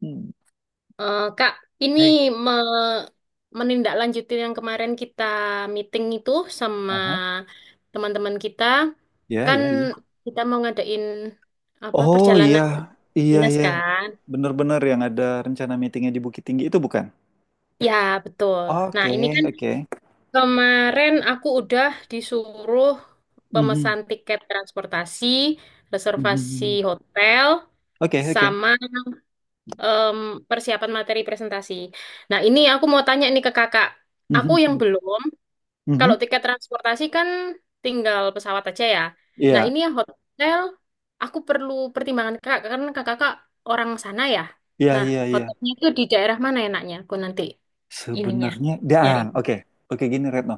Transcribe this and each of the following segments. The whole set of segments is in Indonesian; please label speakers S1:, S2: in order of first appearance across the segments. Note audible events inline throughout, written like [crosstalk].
S1: Hmm.
S2: Eh, Kak, ini
S1: Hey.
S2: me- menindaklanjuti yang kemarin kita meeting itu sama
S1: Aha.
S2: teman-teman kita.
S1: Ya,
S2: Kan
S1: ya, ya.
S2: kita mau ngadain apa
S1: Oh iya,
S2: perjalanan
S1: iya,
S2: dinas
S1: iya.
S2: kan?
S1: Bener-bener yang ada rencana meetingnya di Bukit Tinggi itu bukan?
S2: Ya, betul. Nah, ini
S1: Oke,
S2: kan
S1: oke.
S2: kemarin aku udah disuruh
S1: Mhm,
S2: pemesan tiket transportasi, reservasi
S1: mhm.
S2: hotel,
S1: Oke, oke.
S2: sama em, persiapan materi presentasi. Nah, ini aku mau tanya nih ke kakak. Aku yang
S1: Mhm,
S2: belum. Kalau
S1: mhm.
S2: tiket transportasi kan tinggal pesawat aja ya. Nah,
S1: Iya,
S2: ini yang hotel aku perlu pertimbangan Kak karena Kakak orang sana ya.
S1: iya,
S2: Nah,
S1: iya, iya.
S2: hotelnya itu di daerah mana enaknya? Aku nanti ininya
S1: Sebenarnya,
S2: nyari.
S1: dan oke, oke gini Retno.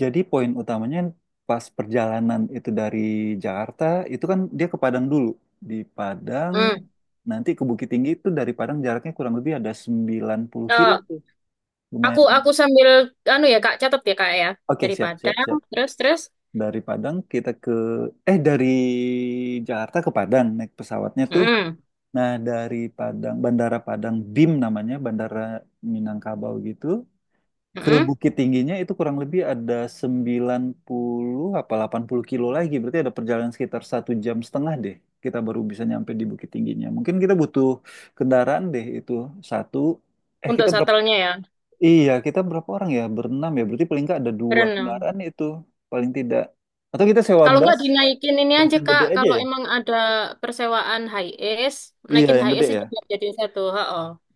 S1: Jadi poin utamanya pas perjalanan itu dari Jakarta, itu kan dia ke Padang dulu. Di Padang,
S2: Hmm.
S1: nanti ke Bukit Tinggi itu dari Padang jaraknya kurang lebih ada 90 kilo
S2: Eh,
S1: tuh.
S2: aku
S1: Lumayan.
S2: aku sambil anu ya Kak catat ya Kak ya
S1: Oke,
S2: dari
S1: siap, siap,
S2: Padang
S1: siap.
S2: terus terus.
S1: Dari Padang kita ke eh dari Jakarta ke Padang naik pesawatnya tuh.
S2: Mm-mm.
S1: Nah, dari Padang, Bandara Padang BIM namanya, Bandara Minangkabau gitu. Ke
S2: Mm-mm.
S1: Bukit Tingginya itu kurang lebih ada 90 apa 80 kilo lagi. Berarti ada perjalanan sekitar 1 jam setengah deh. Kita baru bisa nyampe di Bukit Tingginya. Mungkin kita butuh kendaraan deh itu satu. Eh,
S2: Untuk
S1: kita berapa?
S2: shuttle-nya ya
S1: Iya, kita berapa orang ya? Berenam ya. Berarti paling nggak ada dua
S2: berenang.
S1: kendaraan itu paling tidak. Atau kita sewa
S2: Kalau
S1: bus,
S2: nggak dinaikin ini
S1: bus
S2: aja
S1: yang
S2: Kak
S1: gede aja
S2: kalau
S1: ya?
S2: emang ada persewaan high es,
S1: Iya,
S2: naikin
S1: yang
S2: high
S1: gede
S2: es
S1: ya.
S2: aja biar jadi satu. Ha.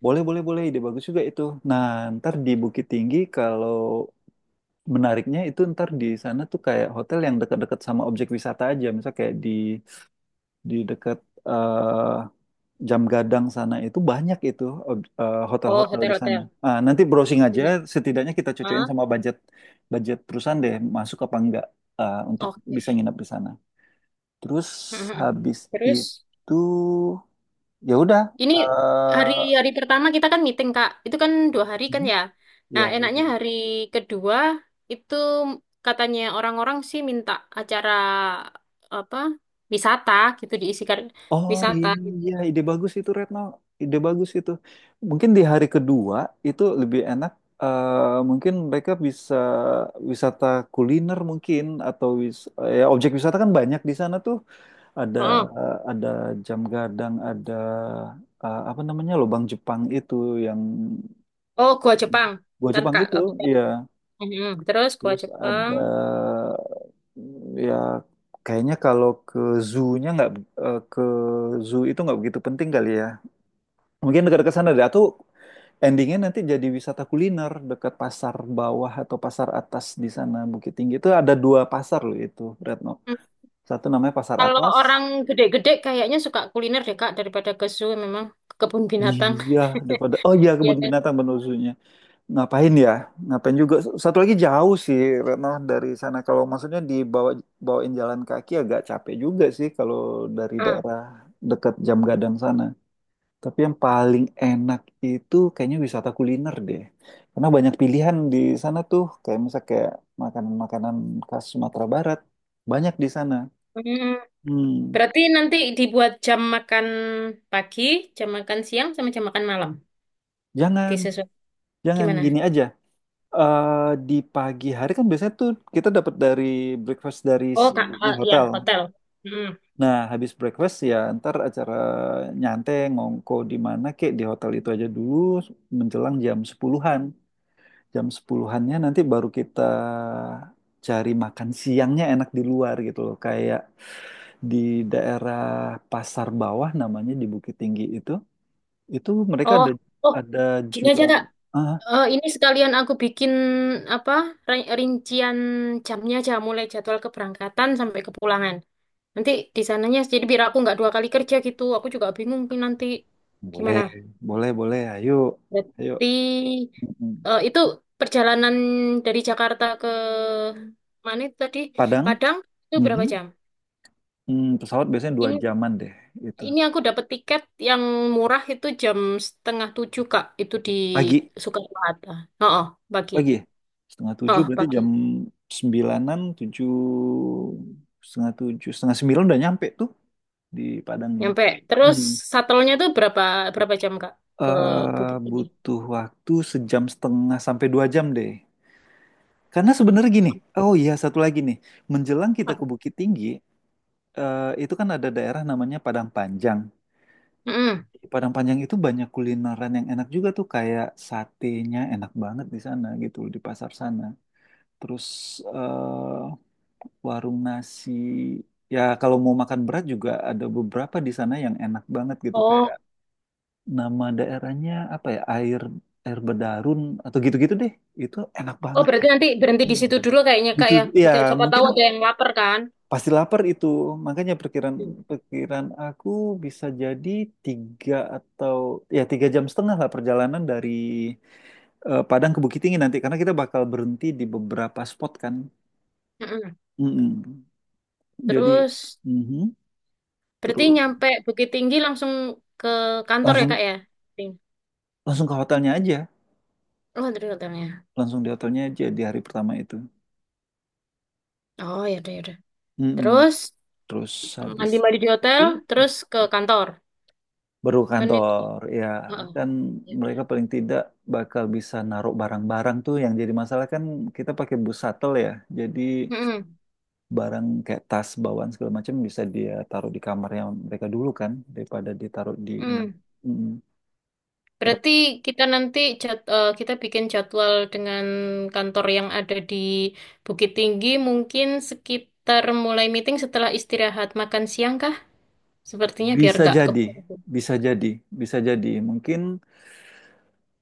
S1: Boleh, boleh, boleh. Ide bagus juga itu. Nah, ntar di Bukit Tinggi kalau menariknya itu ntar di sana tuh kayak hotel yang dekat-dekat sama objek wisata aja. Misal kayak di dekat eh, Jam Gadang sana itu banyak itu
S2: Oh,
S1: hotel-hotel di sana.
S2: hotel-hotel.
S1: Ah, nanti browsing
S2: Oke,
S1: aja,
S2: ya.
S1: setidaknya kita cocokin
S2: Ah,
S1: sama budget budget perusahaan deh, masuk apa enggak untuk
S2: oke.
S1: bisa nginep di sana. Terus
S2: Mhm.
S1: habis
S2: Terus,
S1: itu ya udah
S2: ini
S1: eh,
S2: hari-hari pertama kita kan meeting, Kak. Itu kan dua hari kan
S1: mhm,
S2: ya. Nah,
S1: ya ya.
S2: enaknya
S1: Ya.
S2: hari kedua itu katanya orang-orang sih minta acara apa wisata gitu diisikan
S1: Oh
S2: wisata.
S1: iya, iya, ide bagus itu Retno, ide bagus itu. Mungkin di hari kedua itu lebih enak. Mungkin mereka bisa wisata kuliner mungkin atau wis, ya objek wisata kan banyak di sana tuh. Ada
S2: Oh,
S1: ada jam gadang, ada apa namanya lubang Jepang itu yang
S2: oh gua Jepang.
S1: gua
S2: Bentar,
S1: Jepang
S2: Kak.
S1: itu,
S2: Aku
S1: iya.
S2: catat. Mhm. Terus gua
S1: Terus
S2: Jepang.
S1: ada ya kayaknya kalau ke zoo-nya nggak eh, ke zoo itu nggak begitu penting kali ya. Mungkin dekat-dekat sana deh. Atau endingnya nanti jadi wisata kuliner dekat pasar bawah atau pasar atas di sana Bukit Tinggi itu ada 2 pasar loh itu Retno.
S2: Hmm.
S1: Satu namanya pasar
S2: Kalau
S1: atas.
S2: orang gede-gede kayaknya suka kuliner deh, Kak, daripada ke zoo, memang ke kebun binatang.
S1: Iya,
S2: [laughs]
S1: daripada oh iya
S2: Iya
S1: kebun
S2: kan?
S1: binatang bener zoo. Ngapain ya? Ngapain juga? Satu lagi jauh sih, Retno, dari sana. Kalau maksudnya bawain jalan kaki agak capek juga sih kalau dari
S2: Ah.
S1: daerah dekat Jam Gadang sana. Tapi yang paling enak itu kayaknya wisata kuliner deh. Karena banyak pilihan di sana tuh, kayak misal kayak makanan-makanan khas Sumatera Barat. Banyak di sana.
S2: Hmm,
S1: Hmm,
S2: berarti nanti dibuat jam makan pagi, jam makan siang, sama jam makan malam.
S1: jangan,
S2: Disesuai.
S1: jangan gini
S2: Gimana?
S1: aja. Di pagi hari kan biasanya tuh kita dapat dari breakfast dari
S2: Oh,
S1: si
S2: kak,
S1: ini
S2: eh, ya,
S1: hotel.
S2: hotel. Hmm.
S1: Nah, habis breakfast ya ntar acara nyantai ngongko di mana kek di hotel itu aja dulu menjelang Jam 10-annya nanti baru kita cari makan siangnya enak di luar gitu loh. Kayak di daerah Pasar Bawah namanya di Bukit Tinggi itu, mereka
S2: Oh,
S1: ada
S2: oh,
S1: ada
S2: gini aja,
S1: jual
S2: Kak.
S1: ah,
S2: Eh, ini sekalian aku bikin apa rincian jamnya aja, mulai jadwal keberangkatan sampai kepulangan. Nanti di sananya, jadi biar aku nggak dua kali kerja gitu. Aku juga bingung nih nanti
S1: boleh,
S2: gimana.
S1: boleh, boleh. Ayo, ayo.
S2: Berarti
S1: Mm-mm.
S2: itu perjalanan dari Jakarta ke mana itu tadi
S1: Padang,
S2: Padang itu berapa
S1: mhm.
S2: jam?
S1: Hmm, pesawat biasanya dua
S2: Ini
S1: jaman deh itu.
S2: ini aku dapat tiket yang murah itu jam setengah tujuh Kak. Itu di
S1: Pagi.
S2: Soekarno Hatta. Oh, oh, pagi.
S1: Pagi ya? Setengah tujuh
S2: Oh,
S1: berarti jam
S2: pagi.
S1: sembilanan, tujuh, setengah sembilan udah nyampe tuh di Padangnya.
S2: Nyampe. Terus
S1: Hmm.
S2: satelnya tuh berapa berapa jam Kak ke
S1: Eh,
S2: Bukit Tinggi.
S1: butuh waktu 1 jam setengah sampai 2 jam deh. Karena sebenarnya gini, oh iya satu lagi nih, menjelang kita ke
S2: Apa?
S1: Bukit Tinggi, itu kan ada daerah namanya Padang Panjang.
S2: Mm-mm.
S1: Di Padang Panjang itu banyak kulineran yang enak juga tuh, kayak satenya enak banget di sana gitu, di pasar sana. Terus eh, warung nasi. Ya kalau mau makan berat juga ada beberapa di sana yang enak banget gitu kayak
S2: Oh,
S1: nama daerahnya apa ya air air bedarun atau gitu-gitu deh. Itu enak
S2: oh
S1: banget
S2: berarti
S1: gitu.
S2: nanti berhenti di
S1: Hmm.
S2: situ dulu kayaknya Kak
S1: Itu
S2: ya.
S1: ya
S2: Mungkin siapa tahu
S1: mungkin
S2: ada yang lapar kan.
S1: pasti lapar itu. Makanya perkiraan
S2: Mm.
S1: perkiraan aku bisa jadi tiga atau ya 3 jam setengah lah perjalanan dari Padang ke Bukit Tinggi nanti karena kita bakal berhenti di beberapa spot kan.
S2: Mm-mm.
S1: Mm-mm. Jadi
S2: Terus
S1: mhm.
S2: berarti
S1: Terus
S2: nyampe Bukit Tinggi langsung ke kantor ya Kak
S1: langsung
S2: ya? Ting-
S1: langsung ke hotelnya aja
S2: Oh, dari hotelnya.
S1: langsung di hotelnya aja di hari pertama itu.
S2: Oh, ya udah.
S1: Mm-mm.
S2: Terus
S1: Terus habis
S2: mandi-mandi di hotel,
S1: itu
S2: terus ke kantor.
S1: baru ke
S2: Kan itu.
S1: kantor ya
S2: Heeh,
S1: kan
S2: ya udah.
S1: mereka paling tidak bakal bisa naruh barang-barang tuh yang jadi masalah kan kita pakai bus shuttle ya jadi
S2: Mm-mm,
S1: barang kayak tas bawaan segala macam bisa dia taruh di kamarnya mereka dulu kan daripada ditaruh di ini.
S2: mm.
S1: Mm-mm. Kurang-
S2: Berarti kita nanti eh, kita bikin jadwal dengan kantor yang ada di Bukit Tinggi mungkin sekitar mulai meeting setelah istirahat makan siang kah? Sepertinya biar
S1: bisa
S2: nggak
S1: jadi
S2: keburu.
S1: bisa jadi bisa jadi mungkin.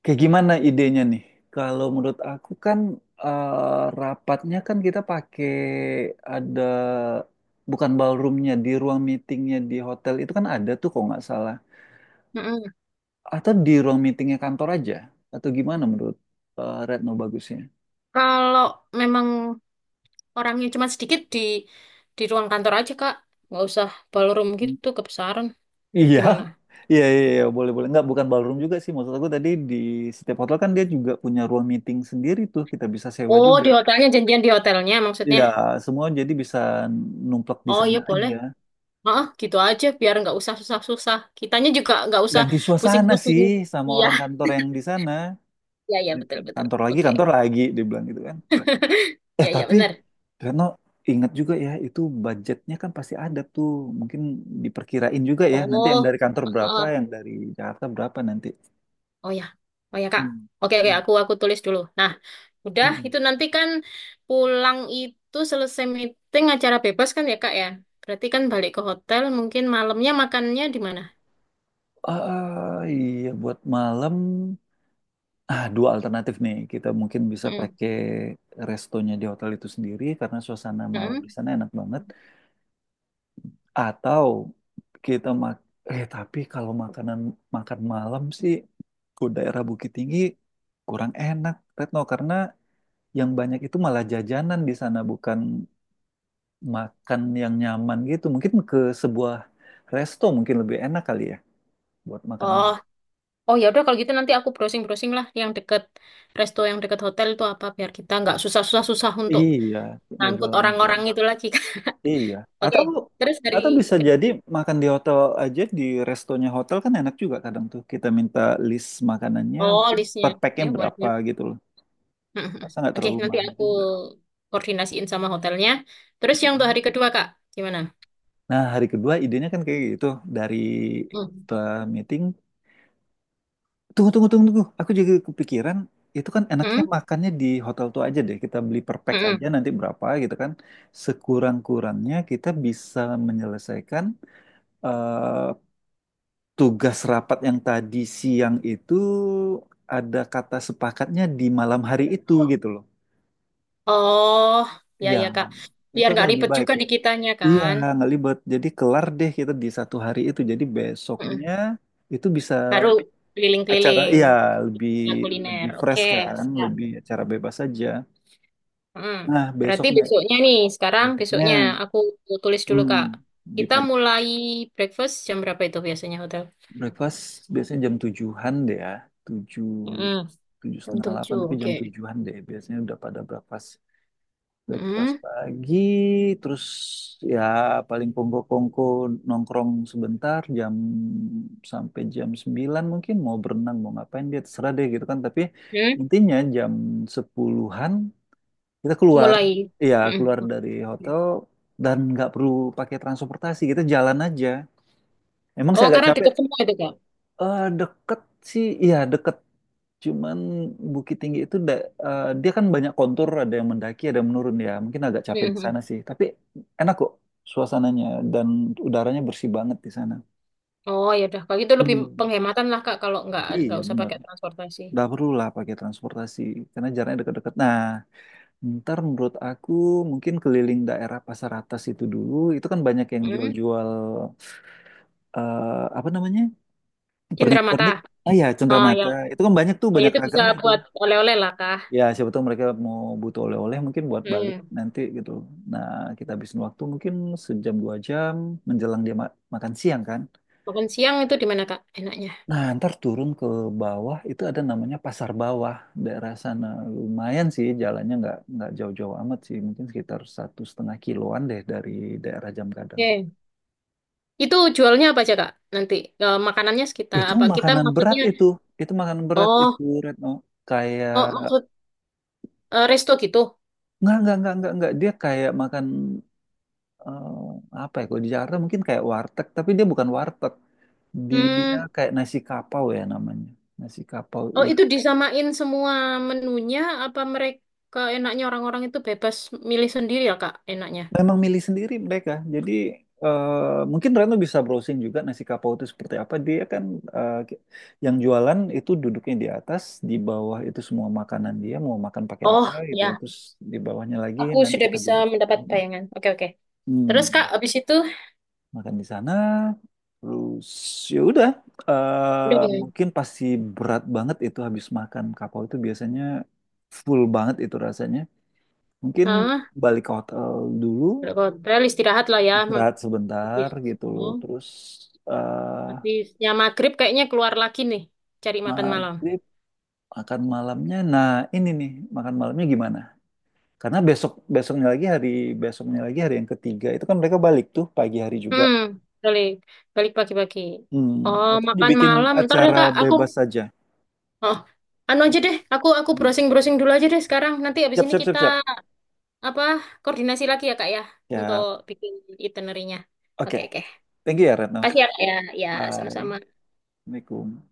S1: Kayak gimana idenya nih? Kalau menurut aku kan rapatnya kan kita pakai ada bukan ballroomnya di ruang meetingnya di hotel itu kan ada tuh kalau nggak salah.
S2: Mm-mm.
S1: Atau di ruang meetingnya kantor aja? Atau gimana menurut Retno bagusnya?
S2: Kalau memang orangnya cuma sedikit di ruang kantor aja, Kak. Nggak usah ballroom
S1: Hmm.
S2: gitu kebesaran.
S1: Iya, [laughs]
S2: Gimana?
S1: iya, iya, iya, boleh, boleh. Nggak, bukan ballroom juga sih. Maksud aku tadi di setiap hotel kan dia juga punya ruang meeting sendiri tuh. Kita bisa sewa
S2: Oh,
S1: juga.
S2: di hotelnya, janjian di hotelnya maksudnya.
S1: Iya, semua jadi bisa numplak di
S2: Oh
S1: sana
S2: iya boleh.
S1: aja,
S2: Heeh, gitu aja biar nggak usah susah-susah. Kitanya juga nggak usah
S1: ganti suasana
S2: pusing-pusing.
S1: sih sama
S2: Iya,
S1: orang kantor yang di sana.
S2: iya, iya
S1: Gitu.
S2: betul betul.
S1: Kantor lagi
S2: Oke,
S1: kantor lagi dia bilang gitu kan,
S2: iya iya
S1: tapi
S2: benar.
S1: Reno ingat juga ya itu budgetnya kan pasti ada tuh mungkin diperkirain juga ya nanti yang
S2: Oh,
S1: dari kantor berapa
S2: heeh.
S1: yang dari Jakarta berapa nanti.
S2: Oh ya, oh ya Kak.
S1: Hmm.
S2: Oke oke,
S1: Hmm.
S2: aku tulis dulu. Nah, udah
S1: Hmm.
S2: itu nanti kan pulang itu selesai meeting acara bebas kan ya Kak ya. Berarti kan balik ke hotel mungkin malamnya makannya di mana?
S1: Ah, iya buat malam dua alternatif nih kita mungkin bisa
S2: Mm-mm.
S1: pakai restonya di hotel itu sendiri karena suasana malam di
S2: Mm-mm.
S1: sana enak banget. Atau kita mak eh tapi kalau makan malam sih ke daerah Bukit Tinggi kurang enak Retno karena yang banyak itu malah jajanan di sana bukan makan yang nyaman gitu. Mungkin ke sebuah resto mungkin lebih enak kali ya buat makan
S2: Oh,
S1: malam.
S2: oh ya udah kalau gitu nanti aku browsing-browsing lah yang deket resto yang deket hotel itu apa biar kita nggak susah untuk
S1: Iya, tinggal
S2: ngangkut
S1: jalan aja.
S2: orang-orang itu lagi kan.
S1: Iya.
S2: [laughs] Oke,
S1: Atau
S2: terus dari
S1: atau bisa
S2: ke-
S1: jadi makan di hotel aja di restonya hotel kan enak juga kadang tuh. Kita minta list makanannya
S2: oh
S1: mungkin per
S2: listnya
S1: packnya
S2: ya boleh
S1: berapa
S2: boleh. [laughs]
S1: gitu.
S2: Mhm.
S1: Rasa nggak
S2: Oke,
S1: terlalu
S2: nanti
S1: mahal
S2: aku
S1: juga.
S2: koordinasiin sama hotelnya. Terus yang untuk hari
S1: Mhm.
S2: kedua Kak, gimana?
S1: Nah, hari kedua idenya kan kayak gitu. Dari
S2: Hmm.
S1: setelah meeting, tunggu, tunggu, tunggu, tunggu. Aku juga kepikiran, itu kan enaknya
S2: Hmm?
S1: makannya di hotel tuh aja deh. Kita beli per pack aja
S2: Mhm.
S1: nanti berapa gitu kan. Sekurang-kurangnya kita bisa menyelesaikan eh, tugas rapat yang tadi siang itu ada kata sepakatnya di malam hari itu gitu.
S2: Oh, ya
S1: Iya,
S2: ya Kak. Biar
S1: itu kan
S2: nggak
S1: lebih
S2: ribet
S1: baik
S2: juga
S1: ya.
S2: di kitanya
S1: Iya,
S2: kan.
S1: nggak libet. Jadi kelar deh kita di satu hari itu. Jadi besoknya
S2: Mhm.
S1: itu bisa
S2: Baru
S1: acara,
S2: keliling-keliling
S1: iya lebih
S2: ya, kuliner.
S1: lebih
S2: Oke,
S1: fresh kan,
S2: siap.
S1: lebih acara bebas saja.
S2: Mhm.
S1: Nah
S2: Berarti
S1: besoknya,
S2: besoknya nih, sekarang
S1: besoknya
S2: besoknya aku tulis dulu
S1: hmm,
S2: Kak.
S1: di
S2: Kita
S1: pagi
S2: mulai breakfast jam berapa itu biasanya hotel?
S1: breakfast biasanya jam tujuhan deh ya, tujuh
S2: Mm-mm.
S1: tujuh
S2: Jam
S1: setengah delapan
S2: 7
S1: tapi jam
S2: oke.
S1: tujuhan deh biasanya udah pada breakfast. Breakfast
S2: Mm-mm.
S1: pagi, terus ya paling kongko-kongko nongkrong sebentar jam sampai jam 9 mungkin mau berenang, mau ngapain dia terserah deh gitu kan. Tapi
S2: Mm.
S1: intinya jam sepuluhan an kita keluar.
S2: Mulai.
S1: Iya,
S2: Mm-mm.
S1: keluar
S2: Oke.
S1: dari hotel dan nggak perlu pakai transportasi, kita jalan aja. Emang
S2: Oh,
S1: saya agak
S2: karena
S1: capek.
S2: dekat semua itu, Kak.
S1: Deket sih, iya deket. Cuman Bukit Tinggi itu dia kan banyak kontur, ada yang mendaki, ada yang menurun ya. Mungkin agak capek di sana
S2: Mm-mm.
S1: sih, tapi enak kok suasananya dan udaranya bersih banget di sana.
S2: Oh, ya udah. Kalau gitu lebih
S1: Hmm,
S2: penghematan lah, Kak, kalau
S1: iya
S2: nggak usah
S1: benar.
S2: pakai transportasi.
S1: Nggak perlu lah pakai transportasi karena jaraknya dekat-dekat. Nah, ntar menurut aku mungkin keliling daerah Pasar Atas itu dulu. Itu kan banyak yang
S2: Mm.
S1: jual-jual eh, apa namanya
S2: Cindramata.
S1: pernik-pernik. Ah ya,
S2: Ah, ya.
S1: cenderamata. Itu kan banyak tuh,
S2: Oh, ya
S1: banyak
S2: itu bisa
S1: ragamnya itu.
S2: buat oleh-oleh lah, Kak.
S1: Ya siapa tahu mereka mau butuh oleh-oleh mungkin buat balik
S2: Mm.
S1: nanti gitu. Nah, kita habisin waktu mungkin 1 jam 2 jam menjelang dia makan siang kan.
S2: Makan siang itu di mana, Kak? Enaknya.
S1: Nah, ntar turun ke bawah itu ada namanya Pasar Bawah daerah sana. Lumayan sih jalannya nggak jauh-jauh amat sih, mungkin sekitar 1,5 kiloan deh dari daerah Jamkadang sana.
S2: Oke. Itu jualnya apa aja, Kak? Nanti eh, makanannya sekitar
S1: Itu
S2: apa? Kita
S1: makanan berat
S2: maksudnya
S1: itu makanan berat
S2: oh,
S1: itu Retno. Kayak
S2: oh maksud eh, resto gitu.
S1: Nggak, nggak. Dia kayak makan eh, apa ya kalau di Jakarta mungkin kayak warteg tapi dia bukan warteg dia
S2: Hmm.
S1: kayak nasi kapau ya namanya nasi kapau
S2: Oh,
S1: itu
S2: itu disamain semua menunya apa mereka enaknya orang-orang itu bebas milih sendiri ya, Kak, enaknya?
S1: memang milih sendiri mereka jadi mungkin Reno bisa browsing juga nasi kapau itu seperti apa dia kan eh, ki- yang jualan itu duduknya di atas di bawah itu semua makanan dia mau makan pakai apa
S2: Oh,
S1: gitu
S2: ya.
S1: terus di bawahnya lagi
S2: Aku
S1: nanti
S2: sudah
S1: kita
S2: bisa
S1: duduk.
S2: mendapat
S1: Hmm.
S2: bayangan. Oke, oke. Terus, Kak,
S1: Hmm.
S2: habis itu
S1: Makan di sana terus ya udah
S2: udah ya.
S1: mungkin pasti berat banget itu habis makan kapau itu biasanya full banget itu rasanya mungkin
S2: Hah?
S1: balik ke hotel dulu
S2: Udah hotel istirahat lah ya.
S1: istirahat sebentar
S2: Habis
S1: gitu
S2: ini,
S1: loh terus eh
S2: habisnya maghrib kayaknya keluar lagi nih cari makan malam.
S1: maghrib makan malamnya nah ini nih makan malamnya gimana karena besoknya lagi hari yang ketiga itu kan mereka balik tuh pagi hari juga.
S2: Hmm, balik balik pagi-pagi.
S1: Hmm.
S2: Oh,
S1: Atau
S2: makan
S1: dibikin
S2: malam. Ntar deh,
S1: acara
S2: Kak, aku
S1: bebas saja.
S2: oh, anu aja deh. Aku
S1: Hmm.
S2: browsing-browsing dulu aja deh sekarang. Nanti habis
S1: Siap
S2: ini
S1: siap siap
S2: kita
S1: siap.
S2: apa koordinasi lagi ya Kak ya untuk
S1: Ya,
S2: bikin itinerinya.
S1: oke.
S2: Oke oke.
S1: Thank you ya, Retno.
S2: Pasti ya Kak ya. Ya
S1: Bye.
S2: sama-sama.
S1: Assalamualaikum.